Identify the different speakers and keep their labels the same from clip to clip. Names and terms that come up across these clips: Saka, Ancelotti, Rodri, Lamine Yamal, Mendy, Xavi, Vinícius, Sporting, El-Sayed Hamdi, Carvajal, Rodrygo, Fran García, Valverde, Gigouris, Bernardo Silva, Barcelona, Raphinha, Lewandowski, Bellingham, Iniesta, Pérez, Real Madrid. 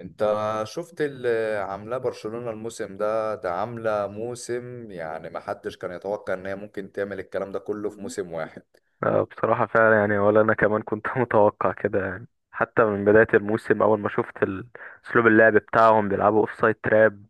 Speaker 1: انت شفت اللي عاملاه برشلونة الموسم ده؟ ده عاملة موسم يعني ما حدش كان يتوقع ان هي ممكن تعمل الكلام ده كله في موسم واحد.
Speaker 2: آه، بصراحة فعلا يعني ولا أنا كمان كنت متوقع كده يعني حتى من بداية الموسم أول ما شفت أسلوب اللعب بتاعهم، بيلعبوا أوفسايد تراب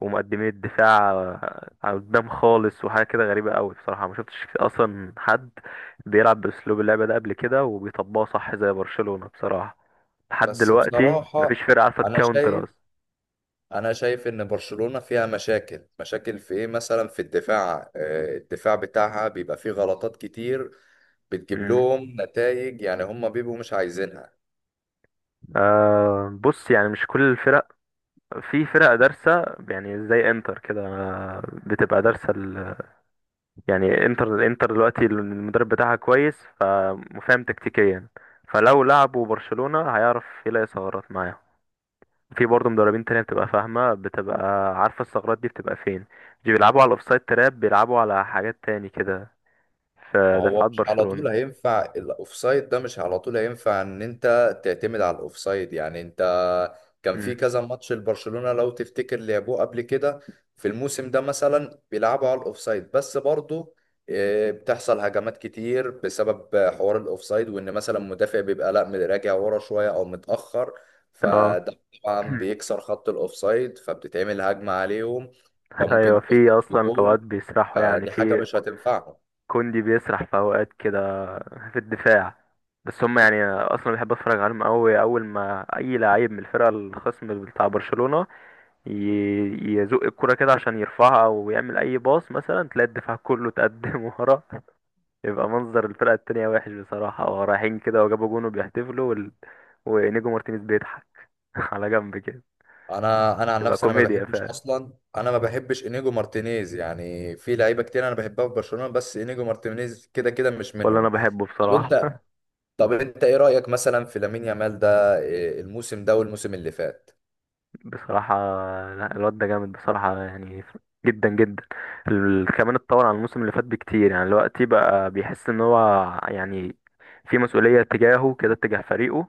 Speaker 2: ومقدمين الدفاع على قدام خالص، وحاجة كده غريبة أوي بصراحة. ما شفتش أصلا حد بيلعب بأسلوب اللعب ده قبل كده وبيطبقه صح زي برشلونة بصراحة. لحد
Speaker 1: بس
Speaker 2: دلوقتي مفيش
Speaker 1: بصراحة
Speaker 2: فرقة عارفة
Speaker 1: انا
Speaker 2: تكاونتر
Speaker 1: شايف
Speaker 2: أصلا.
Speaker 1: انا شايف ان برشلونة فيها مشاكل في ايه، مثلا في الدفاع. الدفاع بتاعها بيبقى فيه غلطات كتير بتجيب
Speaker 2: مم.
Speaker 1: لهم نتائج يعني هم بيبقوا مش عايزينها.
Speaker 2: آه، بص يعني مش كل الفرق. في فرق دارسة يعني زي انتر كده، بتبقى دارسة. يعني انتر، الانتر دلوقتي المدرب بتاعها كويس فمفهم تكتيكيا، فلو لعبوا برشلونة هيعرف يلاقي ثغرات معاهم. في برضه مدربين تانية بتبقى فاهمة، بتبقى عارفة الثغرات دي بتبقى فين. دي بيلعبوا على الاوفسايد تراب، بيلعبوا على حاجات تاني كده في
Speaker 1: ما هو
Speaker 2: دفاعات
Speaker 1: مش على
Speaker 2: برشلونة.
Speaker 1: طول هينفع الاوفسايد ده، مش على طول هينفع ان انت تعتمد على الاوفسايد يعني. انت كان في
Speaker 2: امم،
Speaker 1: كذا ماتش لبرشلونة لو تفتكر لعبوه قبل كده في الموسم ده مثلا بيلعبوا على الاوفسايد، بس برضه بتحصل هجمات كتير بسبب حوار الاوفسايد، وان مثلا مدافع بيبقى لا راجع ورا شوية او متأخر،
Speaker 2: اه،
Speaker 1: فده طبعا بيكسر خط الاوفسايد فبتتعمل هجمة عليهم.
Speaker 2: ايوه.
Speaker 1: فممكن
Speaker 2: في
Speaker 1: تخسر
Speaker 2: اصلا في اوقات
Speaker 1: بجون،
Speaker 2: بيسرحوا يعني،
Speaker 1: فدي حاجة
Speaker 2: في
Speaker 1: مش هتنفعهم.
Speaker 2: كوندي بيسرح في اوقات كده في الدفاع. بس هم يعني اصلا بحب اتفرج عليهم قوي. اول ما اي لعيب من الفرقه الخصم بتاع برشلونه يزق الكره كده عشان يرفعها او يعمل اي باص مثلا، تلاقي الدفاع كله اتقدم ورا. يبقى منظر الفرقه التانية وحش بصراحه، هو رايحين كده وجابوا جون وبيحتفلوا ونيجو مارتينيز بيضحك على جنب كده.
Speaker 1: انا عن
Speaker 2: تبقى
Speaker 1: نفسي انا ما
Speaker 2: كوميديا
Speaker 1: بحبش
Speaker 2: فعلا،
Speaker 1: اصلا انا ما بحبش انيجو مارتينيز، يعني في لعيبه كتير انا بحبها في برشلونه، بس انيجو مارتينيز كده كده مش
Speaker 2: ولا انا
Speaker 1: منهم.
Speaker 2: بحبه
Speaker 1: طب
Speaker 2: بصراحه.
Speaker 1: انت طب انت ايه رايك مثلا في لامين يامال ده؟ إيه الموسم ده والموسم اللي فات؟
Speaker 2: بصراحة لا، الواد ده جامد بصراحة يعني، جدا جدا. كمان اتطور عن الموسم اللي فات بكتير يعني. دلوقتي بقى بيحس ان هو يعني في مسؤولية تجاهه كده، تجاه فريقه،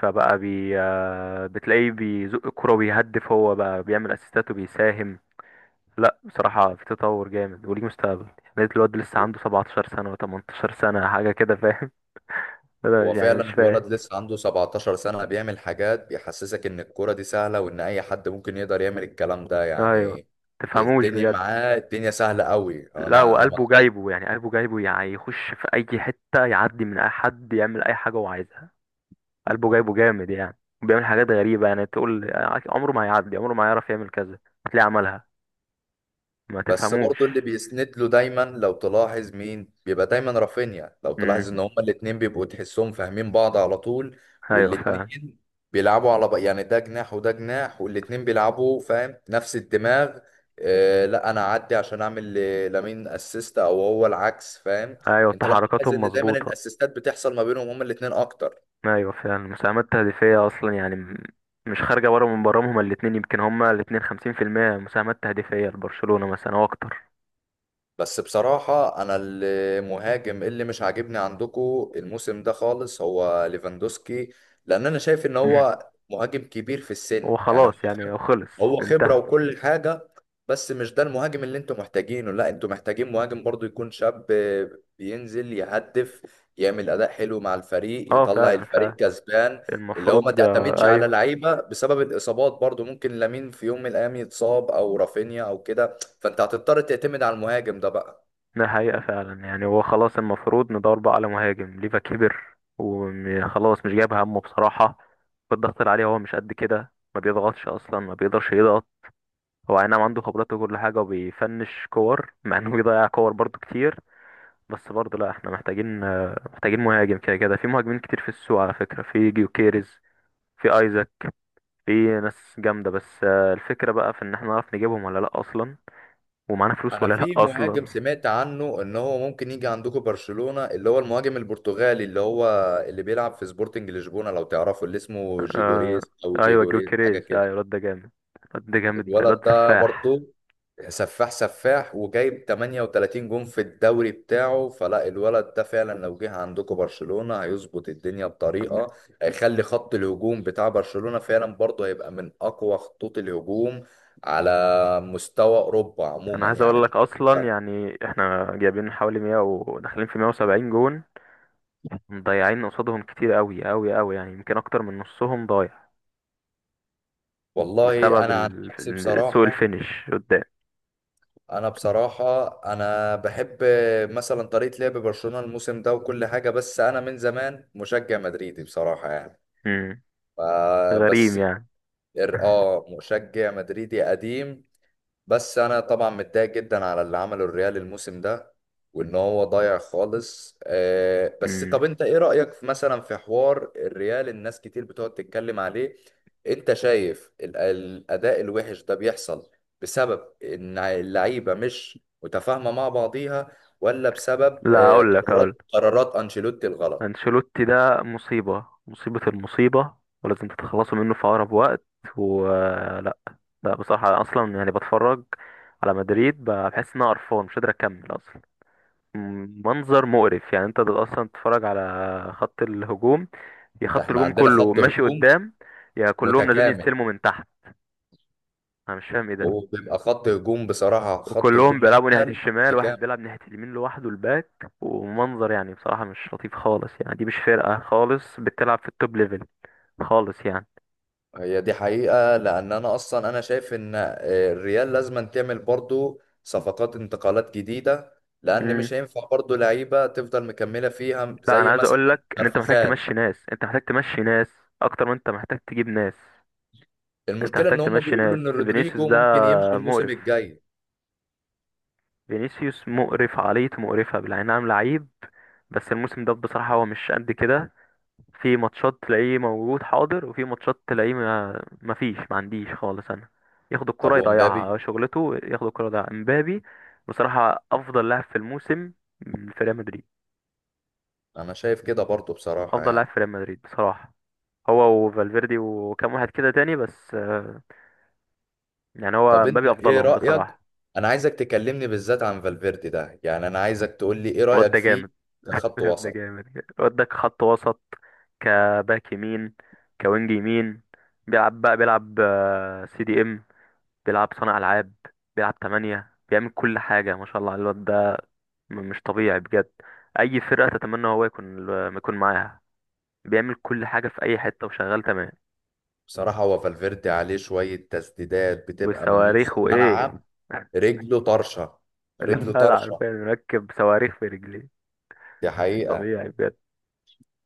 Speaker 2: فبقى بي آه، بتلاقيه بيزق الكرة وبيهدف، هو بقى بيعمل اسيستات وبيساهم. لا بصراحة، في تطور جامد وليه مستقبل. يعني الواد لسه عنده 17 سنة و18 سنة حاجة كده، فاهم؟ أنا
Speaker 1: هو
Speaker 2: يعني مش
Speaker 1: فعلا
Speaker 2: فاهم.
Speaker 1: الولد لسه عنده 17 سنه بيعمل حاجات بيحسسك ان الكوره دي سهله وان اي حد ممكن يقدر يعمل الكلام ده
Speaker 2: ايوه،
Speaker 1: يعني.
Speaker 2: تفهموش
Speaker 1: الدنيا
Speaker 2: بجد.
Speaker 1: معاه، الدنيا سهله قوي. انا
Speaker 2: لا،
Speaker 1: ما انا ما
Speaker 2: وقلبه جايبه يعني، قلبه جايبه يعني يخش في اي حته، يعدي من اي حد، يعمل اي حاجه هو عايزها. قلبه جايبه جامد يعني. بيعمل حاجات غريبه يعني، تقول عمره ما هيعدي، عمره ما هيعرف يعمل كذا، هتلاقيه عملها. ما
Speaker 1: بس
Speaker 2: تفهموش.
Speaker 1: برضو اللي بيسند له دايما لو تلاحظ مين؟ بيبقى دايما رافينيا. لو تلاحظ
Speaker 2: امم.
Speaker 1: ان هما الاتنين بيبقوا تحسهم فاهمين بعض على طول،
Speaker 2: ايوه فعلا.
Speaker 1: والاتنين بيلعبوا على يعني ده جناح وده جناح، والاتنين بيلعبوا فاهم نفس الدماغ. آه لا انا اعدي عشان اعمل لامين اسيست او هو العكس، فاهم؟
Speaker 2: ايوه،
Speaker 1: انت لو تلاحظ
Speaker 2: تحركاتهم
Speaker 1: ان دايما
Speaker 2: مظبوطه.
Speaker 1: الاسيستات بتحصل ما بينهم هما الاتنين اكتر.
Speaker 2: ايوه فعلا، المساهمات التهديفيه اصلا يعني مش خارجه بره من برامج هما الاتنين. يمكن هما الاتنين 50% مساهمات تهديفيه لبرشلونه مثلا او اكتر.
Speaker 1: بس بصراحة أنا المهاجم اللي مش عاجبني عندكو الموسم ده خالص هو ليفاندوسكي، لأن أنا شايف إن
Speaker 2: مم.
Speaker 1: هو مهاجم كبير في
Speaker 2: هو
Speaker 1: السن، يعني هو
Speaker 2: خلاص يعني، هو
Speaker 1: خبرة.
Speaker 2: خلص،
Speaker 1: هو خبرة
Speaker 2: انتهى.
Speaker 1: وكل حاجة، بس مش ده المهاجم اللي أنتوا محتاجينه. لا أنتوا محتاجين مهاجم برضو يكون شاب، بينزل يهدف، يعمل أداء حلو مع الفريق،
Speaker 2: اه
Speaker 1: يطلع
Speaker 2: فعلا
Speaker 1: الفريق
Speaker 2: فعلا،
Speaker 1: كسبان. اللي هو ما
Speaker 2: المفروض
Speaker 1: تعتمدش على
Speaker 2: ايوه.
Speaker 1: لعيبة بسبب الإصابات، برضو ممكن لامين في يوم من الأيام يتصاب أو رافينيا أو كده، فانت هتضطر تعتمد على المهاجم ده بقى.
Speaker 2: ده حقيقة فعلا يعني، هو خلاص. المفروض ندور بقى على مهاجم. ليفا كبر وخلاص، مش جايب همه بصراحة. والضغط اللي عليه هو مش قد كده، ما بيضغطش اصلا، ما بيقدرش يضغط. هو اي نعم عنده خبرات وكل حاجة وبيفنش كور، مع انه بيضيع كور برضو كتير. بس برضو لا، احنا محتاجين محتاجين مهاجم، كده كده في مهاجمين كتير في السوق على فكرة. في جيوكيريز، في ايزاك، في ناس جامدة، بس الفكرة بقى في ان احنا نعرف نجيبهم ولا لا اصلا، ومعانا فلوس
Speaker 1: انا
Speaker 2: ولا لا
Speaker 1: في مهاجم
Speaker 2: اصلا.
Speaker 1: سمعت عنه ان هو ممكن يجي عندكم برشلونة، اللي هو المهاجم البرتغالي اللي هو اللي بيلعب في سبورتنج لشبونة لو تعرفه، اللي اسمه
Speaker 2: آه،
Speaker 1: جيجوريس او
Speaker 2: ايوه جو
Speaker 1: جيجوريس حاجة
Speaker 2: كريز، ايوه
Speaker 1: كده.
Speaker 2: الواد ده جامد، الواد ده جامد، الواد
Speaker 1: الولد
Speaker 2: ده
Speaker 1: ده
Speaker 2: سفاح.
Speaker 1: برضه سفاح، سفاح وجايب 38 جون في الدوري بتاعه. فلا الولد ده فعلا لو جه عندكم برشلونة هيظبط الدنيا بطريقة، هيخلي خط الهجوم بتاع برشلونة فعلا برضه هيبقى من أقوى خطوط الهجوم على مستوى أوروبا
Speaker 2: انا
Speaker 1: عموما
Speaker 2: عايز اقول
Speaker 1: يعني.
Speaker 2: لك اصلا يعني، احنا جايبين حوالي 100 وداخلين في 170 جون، مضيعين قصادهم كتير قوي قوي قوي يعني، يمكن اكتر من نصهم ضايع
Speaker 1: والله
Speaker 2: بسبب
Speaker 1: أنا عن نفسي
Speaker 2: سوء
Speaker 1: بصراحة،
Speaker 2: الفينش قدام.
Speaker 1: أنا بصراحة أنا بحب مثلا طريقة لعب برشلونة الموسم ده وكل حاجة، بس أنا من زمان مشجع مدريدي بصراحة يعني.
Speaker 2: امم.
Speaker 1: آه،
Speaker 2: غريم
Speaker 1: بس
Speaker 2: يعني.
Speaker 1: ال- اه مشجع مدريدي قديم. بس انا طبعا متضايق جدا على اللي عمله الريال الموسم ده، وان هو ضايع خالص. آه، بس
Speaker 2: امم.
Speaker 1: طب انت ايه رأيك في مثلا في حوار الريال؟ الناس كتير بتقعد تتكلم عليه. انت شايف الاداء الوحش ده بيحصل بسبب ان اللعيبة مش متفاهمة مع بعضيها، ولا بسبب
Speaker 2: لا اقول لك،
Speaker 1: قرارات
Speaker 2: اقول
Speaker 1: قرارات انشيلوتي الغلط؟
Speaker 2: انشيلوتي ده مصيبة، مصيبة، المصيبة، ولازم تتخلصوا منه في أقرب وقت ولا لا؟ لا، بصراحة أصلا يعني، بتفرج على مدريد بحس إن أنا قرفان، مش قادر أكمل أصلا. منظر مقرف يعني. أنت ده أصلا تتفرج على خط الهجوم، يا خط
Speaker 1: احنا
Speaker 2: الهجوم
Speaker 1: عندنا
Speaker 2: كله
Speaker 1: خط
Speaker 2: ماشي
Speaker 1: هجوم
Speaker 2: قدام، يا كلهم نازلين
Speaker 1: متكامل،
Speaker 2: يستلموا من تحت. أنا مش فاهم إيه ده.
Speaker 1: وبيبقى خط هجوم بصراحة، خط
Speaker 2: وكلهم
Speaker 1: هجوم
Speaker 2: بيلعبوا ناحية
Speaker 1: الريال
Speaker 2: الشمال، واحد
Speaker 1: مكان.
Speaker 2: بيلعب ناحية اليمين لوحده الباك، ومنظر يعني بصراحة مش لطيف خالص يعني. دي مش فرقة خالص بتلعب في التوب ليفل خالص يعني.
Speaker 1: هي دي حقيقة، لأن أنا أصلا أنا شايف إن الريال لازم تعمل برضو صفقات انتقالات جديدة، لأن
Speaker 2: امم.
Speaker 1: مش هينفع برضو لعيبة تفضل مكملة فيها
Speaker 2: لا انا
Speaker 1: زي
Speaker 2: عايز
Speaker 1: مثلا
Speaker 2: اقول لك ان انت محتاج
Speaker 1: كارفخال.
Speaker 2: تمشي ناس، اكتر ما انت محتاج تجيب ناس. انت
Speaker 1: المشكلة
Speaker 2: محتاج
Speaker 1: إن هم
Speaker 2: تمشي
Speaker 1: بيقولوا
Speaker 2: ناس.
Speaker 1: إن
Speaker 2: فينيسيوس
Speaker 1: رودريجو
Speaker 2: ده
Speaker 1: ممكن يمشي الموسم
Speaker 2: مقرف،
Speaker 1: الجاي.
Speaker 2: فينيسيوس مقرف، عقليته مقرفة بالعين، نعم لعيب. بس الموسم ده بصراحة هو مش قد كده. في ماتشات تلاقيه موجود حاضر، وفي ماتشات تلاقيه ما مفيش، ما عنديش خالص انا. ياخد
Speaker 1: طب
Speaker 2: الكرة
Speaker 1: ومبابي؟
Speaker 2: يضيعها شغلته، ياخد الكرة يضيعها. امبابي بصراحة افضل لاعب في الموسم في ريال مدريد.
Speaker 1: أنا شايف كده برضو بصراحة
Speaker 2: افضل لاعب
Speaker 1: يعني.
Speaker 2: في ريال مدريد بصراحة، هو وفالفيردي وكام واحد كده تاني، بس يعني هو
Speaker 1: طب أنت
Speaker 2: مبابي
Speaker 1: إيه
Speaker 2: افضلهم
Speaker 1: رأيك؟
Speaker 2: بصراحه.
Speaker 1: أنا عايزك تكلمني بالذات عن فالفيردي ده، يعني أنا عايزك تقول لي إيه
Speaker 2: الواد
Speaker 1: رأيك
Speaker 2: ده جامد.
Speaker 1: فيه كخط
Speaker 2: الواد ده
Speaker 1: وسط؟
Speaker 2: جامد. الواد ده كخط وسط، كباك يمين، كوينج يمين، بيلعب بقى بيلعب سي دي ام، بيلعب صانع العاب، بيلعب تمانية، بيعمل كل حاجه، ما شاء الله على الواد ده. مش طبيعي بجد. اي فرقه تتمنى هو يكون، يكون معاها. بيعمل كل حاجه في اي حته وشغال تمام.
Speaker 1: بصراحة هو فالفيردي عليه شوية تسديدات بتبقى من نص
Speaker 2: وصواريخ وايه
Speaker 1: الملعب. رجله طرشة، رجله
Speaker 2: الواد
Speaker 1: طرشة،
Speaker 2: عارفين مركب صواريخ في رجليه.
Speaker 1: دي
Speaker 2: مش
Speaker 1: حقيقة.
Speaker 2: طبيعي بجد،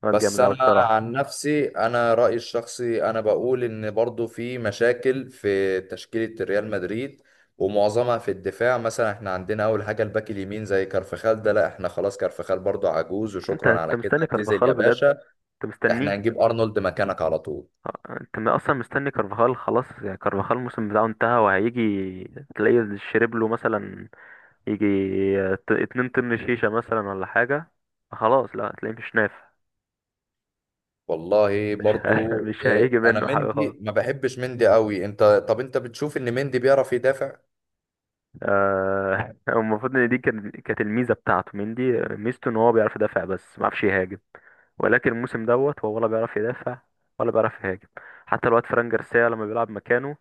Speaker 2: واد
Speaker 1: بس
Speaker 2: جامد قوي
Speaker 1: أنا
Speaker 2: بصراحه.
Speaker 1: عن نفسي أنا رأيي الشخصي أنا بقول إن برضو في مشاكل في تشكيلة ريال مدريد، ومعظمها في الدفاع. مثلا احنا عندنا أول حاجة الباك اليمين زي كارفخال ده، لا احنا خلاص كارفخال برضو عجوز،
Speaker 2: انت
Speaker 1: وشكرا
Speaker 2: انت
Speaker 1: على كده
Speaker 2: مستني
Speaker 1: اعتزل
Speaker 2: كارفاخال
Speaker 1: يا
Speaker 2: بجد؟
Speaker 1: باشا.
Speaker 2: انت
Speaker 1: احنا
Speaker 2: مستنيه؟
Speaker 1: هنجيب أرنولد مكانك على طول.
Speaker 2: اه، انت اصلا مستني كارفاخال؟ خلاص يعني كارفاخال الموسم بتاعه انتهى. وهيجي تلاقيه شرب له مثلا، يجي 2 طن شيشه مثلا ولا حاجه. خلاص لا، هتلاقيه مش نافع.
Speaker 1: والله
Speaker 2: مش ه...
Speaker 1: برضو
Speaker 2: مش هيجي
Speaker 1: انا
Speaker 2: منه حاجه
Speaker 1: مندي
Speaker 2: خالص.
Speaker 1: ما بحبش مندي قوي. انت طب انت بتشوف ان مندي بيعرف يدافع؟
Speaker 2: آه، هو المفروض ان دي كانت الميزه بتاعته. مندي ميزته ان هو بيعرف يدافع بس ما بيعرفش يهاجم، ولكن الموسم دوت هو ولا بيعرف يدافع ولا بيعرف يهاجم. حتى الواد فران جارسيا لما بيلعب مكانه،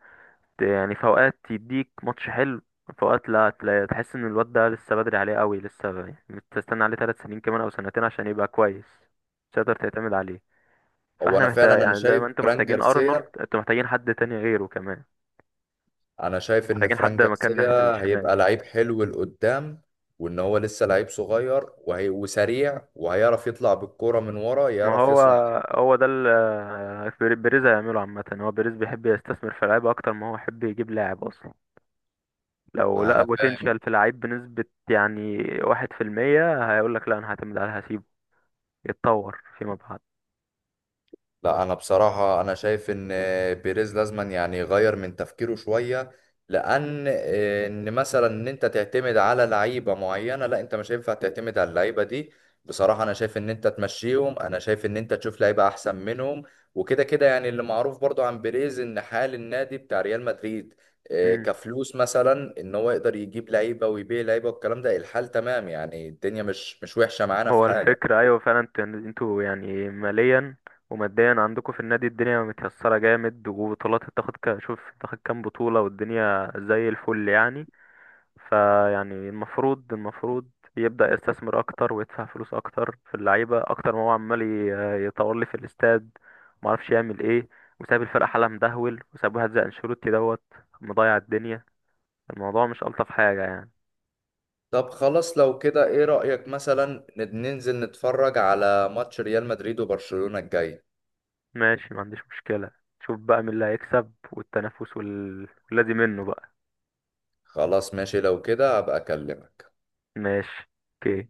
Speaker 2: يعني في اوقات يديك ماتش حلو، في اوقات لا، تحس ان الواد ده لسه بدري عليه قوي. لسه تستنى عليه 3 سنين كمان او سنتين عشان يبقى كويس. مش هتقدر تعتمد عليه.
Speaker 1: هو
Speaker 2: فاحنا
Speaker 1: انا فعلا
Speaker 2: محتاج
Speaker 1: انا
Speaker 2: يعني، زي
Speaker 1: شايف
Speaker 2: ما انتوا
Speaker 1: فران
Speaker 2: محتاجين ارنولد،
Speaker 1: جارسيا
Speaker 2: انتوا محتاجين حد تاني غيره كمان،
Speaker 1: انا شايف ان
Speaker 2: محتاجين
Speaker 1: فران
Speaker 2: حد مكان
Speaker 1: جارسيا
Speaker 2: ناحية الشمال
Speaker 1: هيبقى
Speaker 2: يعني.
Speaker 1: لعيب حلو لقدام، وان هو لسه لعيب صغير وهي وسريع، وهيعرف يطلع بالكرة من ورا،
Speaker 2: ما
Speaker 1: يعرف
Speaker 2: هو،
Speaker 1: يصنع.
Speaker 2: هو ده اللي بيريز هيعمله عامة. هو بيريز بيحب يستثمر في لعيبة أكتر ما هو يحب يجيب لاعب أصلا. لو لقى
Speaker 1: انا فاهم.
Speaker 2: بوتنشال في لعيب بنسبة يعني 1%، هيقولك لا أنا هعتمد عليه، هسيبه يتطور فيما بعد.
Speaker 1: لا انا بصراحه انا شايف ان بيريز لازما يعني يغير من تفكيره شويه، لان ان مثلا ان انت تعتمد على لعيبه معينه، لا انت مش هينفع تعتمد على اللعيبه دي. بصراحه انا شايف ان انت تمشيهم، انا شايف ان انت تشوف لعيبه احسن منهم. وكده كده يعني اللي معروف برضو عن بيريز ان حال النادي بتاع ريال مدريد
Speaker 2: مم.
Speaker 1: كفلوس مثلا ان هو يقدر يجيب لعيبه ويبيع لعيبه والكلام ده، الحال تمام يعني، الدنيا مش وحشه معانا في
Speaker 2: هو
Speaker 1: حاجه.
Speaker 2: الفكرة أيوة فعلا، انتوا يعني، انتوا يعني ماليا وماديا عندكم في النادي الدنيا متيسرة جامد، وبطولات تاخد، شوف تاخد كام بطولة والدنيا زي الفل يعني. فيعني المفروض، يبدأ يستثمر أكتر ويدفع فلوس أكتر في اللعيبة، أكتر ما هو عمال يطور لي في الاستاد، معرفش يعمل إيه، وساب الفرقة حالها مدهول، وساب واحد زي أنشيلوتي دوت مضيع الدنيا. الموضوع مش ألطف حاجة يعني.
Speaker 1: طب خلاص لو كده ايه رأيك مثلا ننزل نتفرج على ماتش ريال مدريد وبرشلونة الجاي؟
Speaker 2: ماشي، ما عنديش مشكلة. شوف بقى مين اللي هيكسب والتنافس والذي منه بقى.
Speaker 1: خلاص ماشي، لو كده هبقى اكلمك.
Speaker 2: ماشي، اوكي.